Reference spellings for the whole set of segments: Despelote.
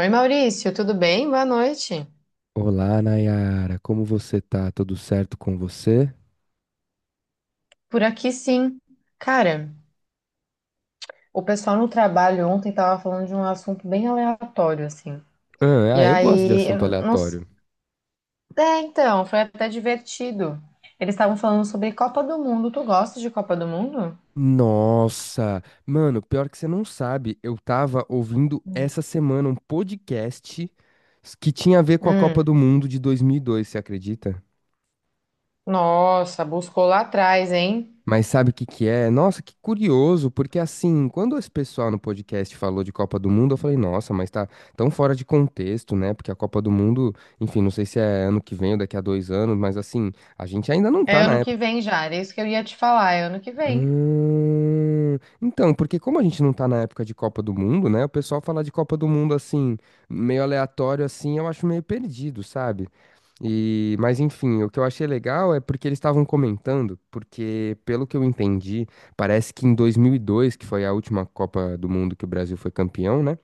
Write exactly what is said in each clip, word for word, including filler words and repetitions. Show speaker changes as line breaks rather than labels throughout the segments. Oi, Maurício, tudo bem? Boa noite.
Olá, Nayara, como você tá? Tudo certo com você?
Por aqui, sim. Cara, o pessoal no trabalho ontem tava falando de um assunto bem aleatório, assim.
Ah,
E
ah, eu gosto de
aí,
assunto
eu não... s-
aleatório.
É, então, foi até divertido. Eles estavam falando sobre Copa do Mundo. Tu gosta de Copa do Mundo?
Nossa, mano, pior que você não sabe, eu tava ouvindo
Hum.
essa semana um podcast que tinha a ver com a Copa
Hum.
do Mundo de dois mil e dois, você acredita?
Nossa, buscou lá atrás, hein?
Mas sabe o que que é? Nossa, que curioso, porque assim, quando esse pessoal no podcast falou de Copa do Mundo, eu falei, nossa, mas tá tão fora de contexto, né? Porque a Copa do Mundo, enfim, não sei se é ano que vem ou daqui a dois anos, mas assim, a gente ainda não
É
tá na.
ano que vem já, era isso que eu ia te falar, é ano que vem.
Hum, então, porque como a gente não tá na época de Copa do Mundo, né? O pessoal falar de Copa do Mundo assim, meio aleatório assim, eu acho meio perdido, sabe? E, mas enfim, o que eu achei legal é porque eles estavam comentando, porque pelo que eu entendi, parece que em dois mil e dois, que foi a última Copa do Mundo que o Brasil foi campeão, né?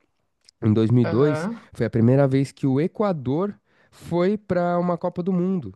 Em dois mil e dois,
Aham.
foi a primeira vez que o Equador foi para uma Copa do Mundo.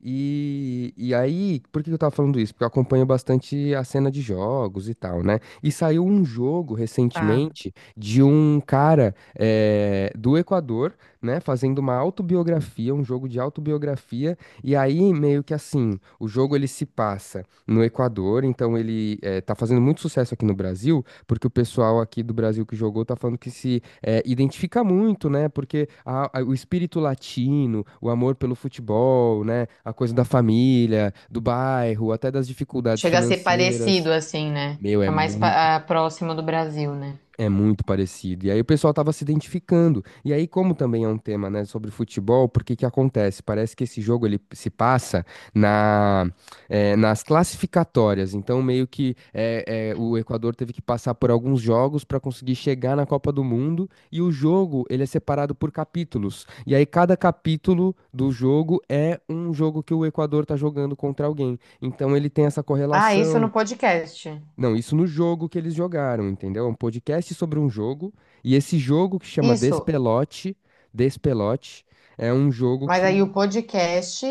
E, e aí, por que que eu tava falando isso? Porque eu acompanho bastante a cena de jogos e tal, né? E saiu um jogo
Tá.
recentemente de um cara eh, do Equador, né, fazendo uma autobiografia, um jogo de autobiografia. E aí, meio que assim, o jogo ele se passa no Equador, então ele eh, tá fazendo muito sucesso aqui no Brasil, porque o pessoal aqui do Brasil que jogou tá falando que se é, identifica muito, né? Porque a- a- o espírito latino, o amor pelo futebol, né? A coisa da família, do bairro, até das dificuldades
Chega a ser
financeiras.
parecido, assim, né?
Meu, é
Tá mais
muito
pa- ah, próximo do Brasil, né?
é muito parecido. E aí o pessoal estava se identificando. E aí, como também é um tema, né, sobre futebol, porque que acontece? Parece que esse jogo ele se passa na, eh, nas classificatórias. Então, meio que eh, eh, o Equador teve que passar por alguns jogos para conseguir chegar na Copa do Mundo. E o jogo ele é separado por capítulos. E aí, cada capítulo do jogo é um jogo que o Equador está jogando contra alguém. Então, ele tem essa
Ah, isso
correlação.
no podcast.
Não, isso no jogo que eles jogaram, entendeu? É um podcast sobre um jogo, e esse jogo que chama
Isso.
Despelote, Despelote, é um jogo
Mas aí
que.
o podcast,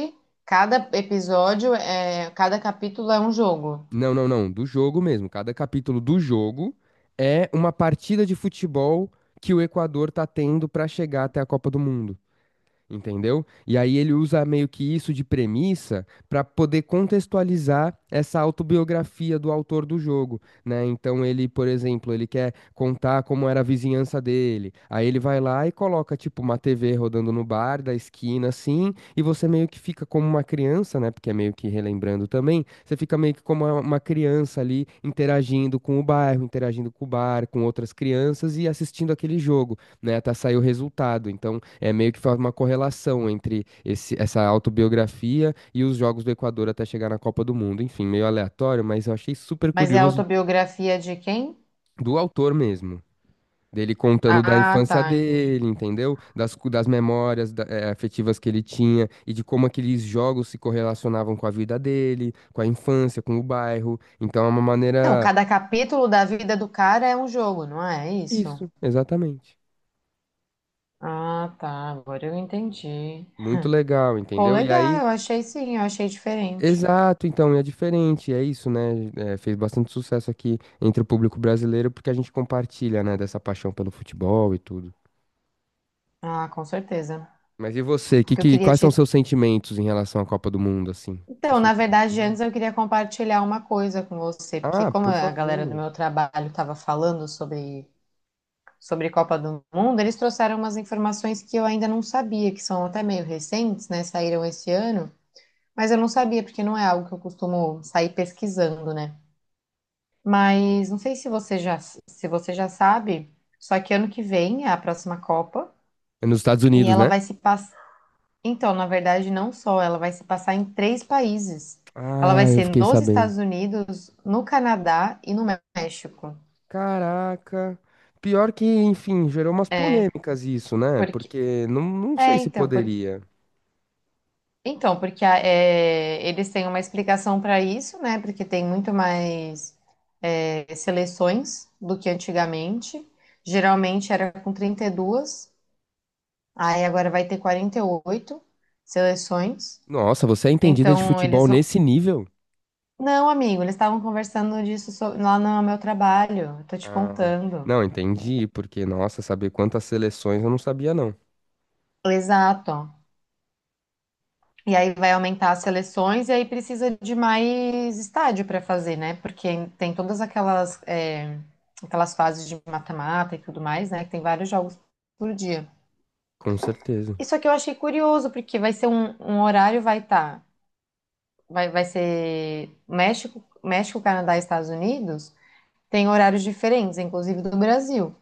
cada episódio, é, cada capítulo é um jogo.
Não, não, não, do jogo mesmo. Cada capítulo do jogo é uma partida de futebol que o Equador tá tendo pra chegar até a Copa do Mundo. Entendeu? E aí ele usa meio que isso de premissa para poder contextualizar essa autobiografia do autor do jogo, né? Então ele, por exemplo, ele quer contar como era a vizinhança dele. Aí ele vai lá e coloca tipo uma T V rodando no bar da esquina assim, e você meio que fica como uma criança, né? Porque é meio que relembrando também, você fica meio que como uma uma criança ali interagindo com o bairro, interagindo com o bar, com outras crianças e assistindo aquele jogo, né? Até sair o resultado. Então é meio que faz uma correlação entre esse- essa autobiografia e os jogos do Equador até chegar na Copa do Mundo. Enfim, meio aleatório, mas eu achei super
Mas é a
curioso
autobiografia de quem?
do autor mesmo. Dele contando da
Ah,
infância
tá, entendi.
dele, entendeu? Das, cu- das memórias da- eh, afetivas que ele tinha e de como aqueles jogos se correlacionavam com a vida dele, com a infância, com o bairro. Então é uma
Então,
maneira.
cada capítulo da vida do cara é um jogo, não é isso?
Isso, exatamente.
Ah, tá, agora eu entendi.
Muito legal,
Pô,
entendeu? E
legal,
aí.
eu achei sim, eu achei diferente.
Exato, então, e é diferente, é isso, né? É, fez bastante sucesso aqui entre o público brasileiro porque a gente compartilha, né, dessa paixão pelo futebol e tudo.
Ah, com certeza.
Mas e você? Que,
Porque eu
que,
queria
quais são
te.
seus sentimentos em relação à Copa do Mundo, assim? Você
Então, na
sempre
verdade,
gostou?
antes eu queria compartilhar uma coisa com você, porque
Ah,
como
por
a galera do
favor.
meu trabalho estava falando sobre sobre Copa do Mundo, eles trouxeram umas informações que eu ainda não sabia, que são até meio recentes, né? Saíram esse ano, mas eu não sabia, porque não é algo que eu costumo sair pesquisando, né? Mas não sei se você já, se você já sabe, só que ano que vem é a próxima Copa
É nos Estados
e
Unidos,
ela
né?
vai se passar. Então, na verdade, não só, ela vai se passar em três países. Ela vai
Ah, eu
ser
fiquei
nos
sabendo.
Estados Unidos, no Canadá e no México.
Caraca. Pior que, enfim, gerou umas
É,
polêmicas isso, né?
porque.
Porque não, não
É,
sei se
então, por-
poderia.
Então, porque a- é, eles têm uma explicação para isso, né? Porque tem muito mais é, seleções do que antigamente. Geralmente era com trinta e duas, aí agora vai ter quarenta e oito seleções.
Nossa, você é entendida de
Então,
futebol
eles vão.
nesse nível?
Não, amigo, eles estavam conversando disso so- lá no meu trabalho, eu tô te
Ah,
contando.
não, entendi, porque, nossa, saber quantas seleções eu não sabia, não.
Exato. E aí vai aumentar as seleções e aí precisa de mais estádio para fazer, né? Porque tem todas aquelas, é, aquelas fases de mata-mata e tudo mais, né? Que tem vários jogos por dia.
Com certeza.
Isso aqui eu achei curioso, porque vai ser um, um horário, vai estar. vai, vai ser México, México, Canadá e Estados Unidos, tem horários diferentes, inclusive do Brasil.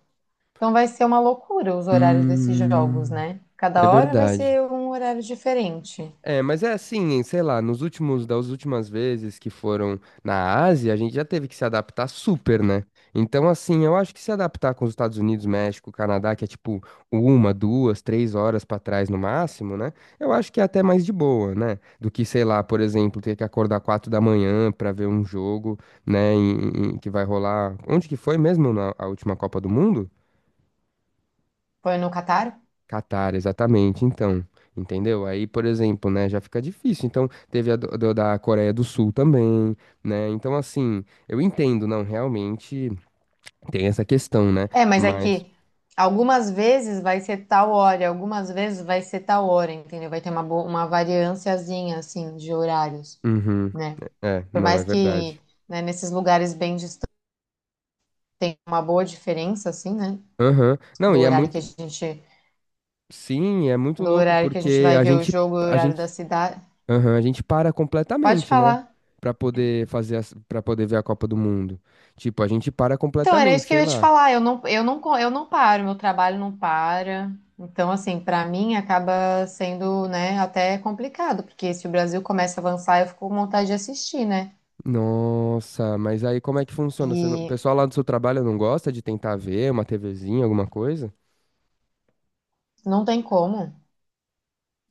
Então vai ser uma loucura os horários desses jogos,
Hum,
né?
é
Cada hora vai
verdade.
ser um horário diferente.
É, mas é assim, sei lá, nos últimos, das últimas vezes que foram na Ásia, a gente já teve que se adaptar super, né? Então, assim, eu acho que se adaptar com os Estados Unidos, México, Canadá, que é tipo uma, duas, três horas pra trás no máximo, né? Eu acho que é até mais de boa, né? Do que, sei lá, por exemplo, ter que acordar quatro da manhã pra ver um jogo, né? em- em- que vai rolar. Onde que foi mesmo na a última Copa do Mundo?
Foi no Catar?
Catar, exatamente. Então, entendeu? Aí, por exemplo, né, já fica difícil. Então, teve a do- do- da Coreia do Sul também, né? Então, assim, eu entendo, não, realmente tem essa questão, né?
É, mas é
Mas,
que algumas vezes vai ser tal hora, algumas vezes vai ser tal hora, entendeu? Vai ter uma, bo- uma variânciazinha, assim, de horários,
uhum,
né?
é,
Por
não, é
mais
verdade.
que, né, nesses lugares bem distantes tem uma boa diferença, assim, né?
Aham. Não,
Do
e é
horário que a
muito,
gente,
sim, é muito
do
louco
horário que a gente
porque
vai
a
ver o
gente,
jogo e o
a
horário
gente,
da cidade.
aham, a gente para
Pode
completamente, né?
falar.
Pra poder fazer, Para poder ver a Copa do Mundo. Tipo, a gente para
Então, era isso
completamente,
que eu
sei
ia te
lá.
falar. Eu não, eu não, co- eu não paro, meu trabalho não para. Então, assim, para mim acaba sendo, né, até complicado, porque se o Brasil começa a avançar, eu fico com vontade de assistir, né?
Nossa, mas aí como é que funciona? Você não- O
E
pessoal lá do seu trabalho não gosta de tentar ver uma TVzinha, alguma coisa?
não tem como,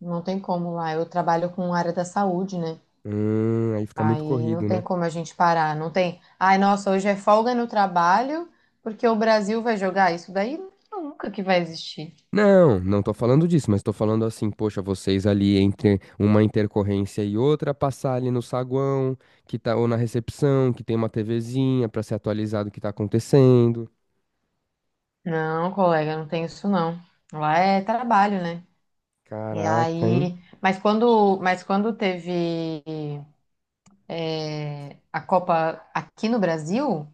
não tem como lá. Eu trabalho com área da saúde, né?
Hum, aí fica muito
Aí não
corrido, né?
tem como a gente parar, não tem. Ai, nossa, hoje é folga no trabalho, porque o Brasil vai jogar isso daí nunca que vai existir.
Não, não tô falando disso, mas tô falando assim, poxa, vocês ali entre uma intercorrência e outra, passar ali no saguão, que tá, ou na recepção, que tem uma TVzinha pra se atualizar do que tá acontecendo.
Não, colega, não tem isso não. Lá é trabalho, né? E
Caraca, hein?
aí, mas quando, mas quando teve é, a Copa aqui no Brasil,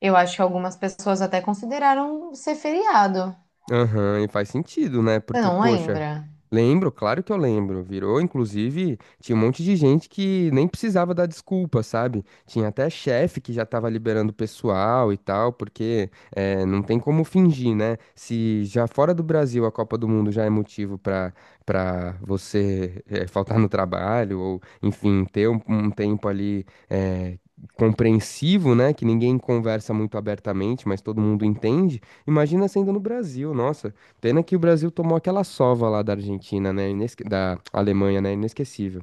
eu acho que algumas pessoas até consideraram ser feriado.
Aham, e faz sentido, né?
Você
Porque,
não
poxa.
lembra?
Lembro, claro que eu lembro. Virou, inclusive, tinha um monte de gente que nem precisava dar desculpa, sabe? Tinha até chefe que já tava liberando o pessoal e tal, porque eh, não tem como fingir, né? Se já fora do Brasil a Copa do Mundo já é motivo pra para você eh, faltar no trabalho, ou, enfim, ter um, um tempo ali. Eh, compreensivo, né, que ninguém conversa muito abertamente, mas todo mundo entende. Imagina sendo no Brasil, nossa. Pena que o Brasil tomou aquela sova lá da Argentina, né? Inesque- Da Alemanha, né? Inesquecível.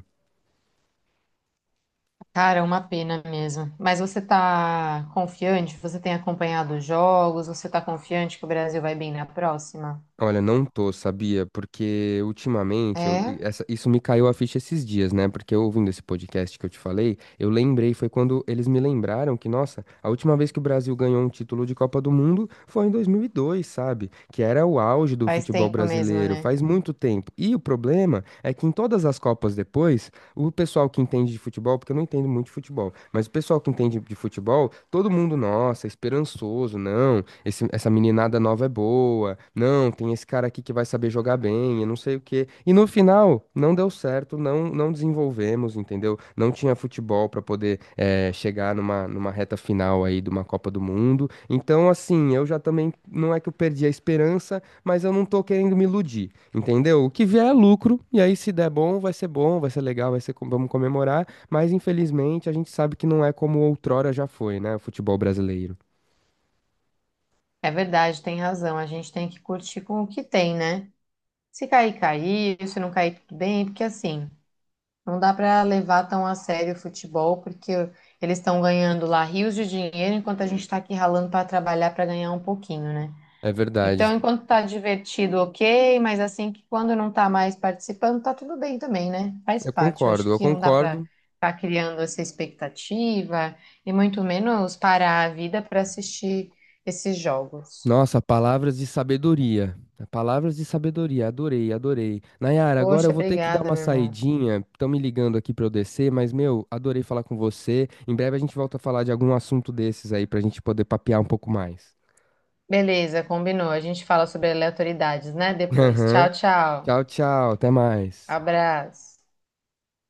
Cara, é uma pena mesmo. Mas você tá confiante? Você tem acompanhado os jogos? Você tá confiante que o Brasil vai bem na próxima?
Olha, não tô, sabia? Porque ultimamente, eu-
É,
essa- isso me caiu a ficha esses dias, né? Porque eu ouvindo esse podcast que eu te falei, eu lembrei, foi quando eles me lembraram que, nossa, a última vez que o Brasil ganhou um título de Copa do Mundo foi em dois mil e dois, sabe? Que era o auge do
faz
futebol
tempo mesmo,
brasileiro,
né?
faz muito tempo. E o problema é que em todas as Copas depois, o pessoal que entende de futebol, porque eu não entendo muito de futebol, mas o pessoal que entende de futebol, todo mundo, nossa, esperançoso, não esse- essa meninada nova é boa. Não, tem esse cara aqui que vai saber jogar bem, e não sei o quê. E no final, não deu certo, não, não desenvolvemos, entendeu? Não tinha futebol para poder eh, chegar numa, numa reta final aí de uma Copa do Mundo. Então, assim, eu já também, não é que eu perdi a esperança, mas eu não tô querendo me iludir, entendeu? O que vier é lucro, e aí se der bom, vai ser bom, vai ser legal, vai ser, com- vamos comemorar, mas infelizmente a gente sabe que não é como outrora já foi, né, o futebol brasileiro.
É verdade, tem razão. A gente tem que curtir com o que tem, né? Se cair, cair. Se não cair, tudo bem. Porque assim, não dá para levar tão a sério o futebol, porque eles estão ganhando lá rios de dinheiro, enquanto a gente está aqui ralando para trabalhar para ganhar um pouquinho, né?
É verdade.
Então, enquanto tá divertido, ok, mas assim que quando não tá mais participando, tá tudo bem também, né? Faz
Eu
parte. Eu
concordo,
acho
eu
que não dá para
concordo.
ficar criando essa expectativa e muito menos parar a vida para assistir esses jogos.
Nossa, palavras de sabedoria. Palavras de sabedoria, adorei, adorei. Nayara, agora eu
Poxa,
vou ter que dar
obrigada,
uma
meu irmão.
saidinha. Estão me ligando aqui pra eu descer, mas meu, adorei falar com você. Em breve a gente volta a falar de algum assunto desses aí pra gente poder papear um pouco mais.
Beleza, combinou. A gente fala sobre aleatoriedades, né? Depois.
Aham.
Tchau, tchau.
Tchau, tchau, até mais.
Abraço.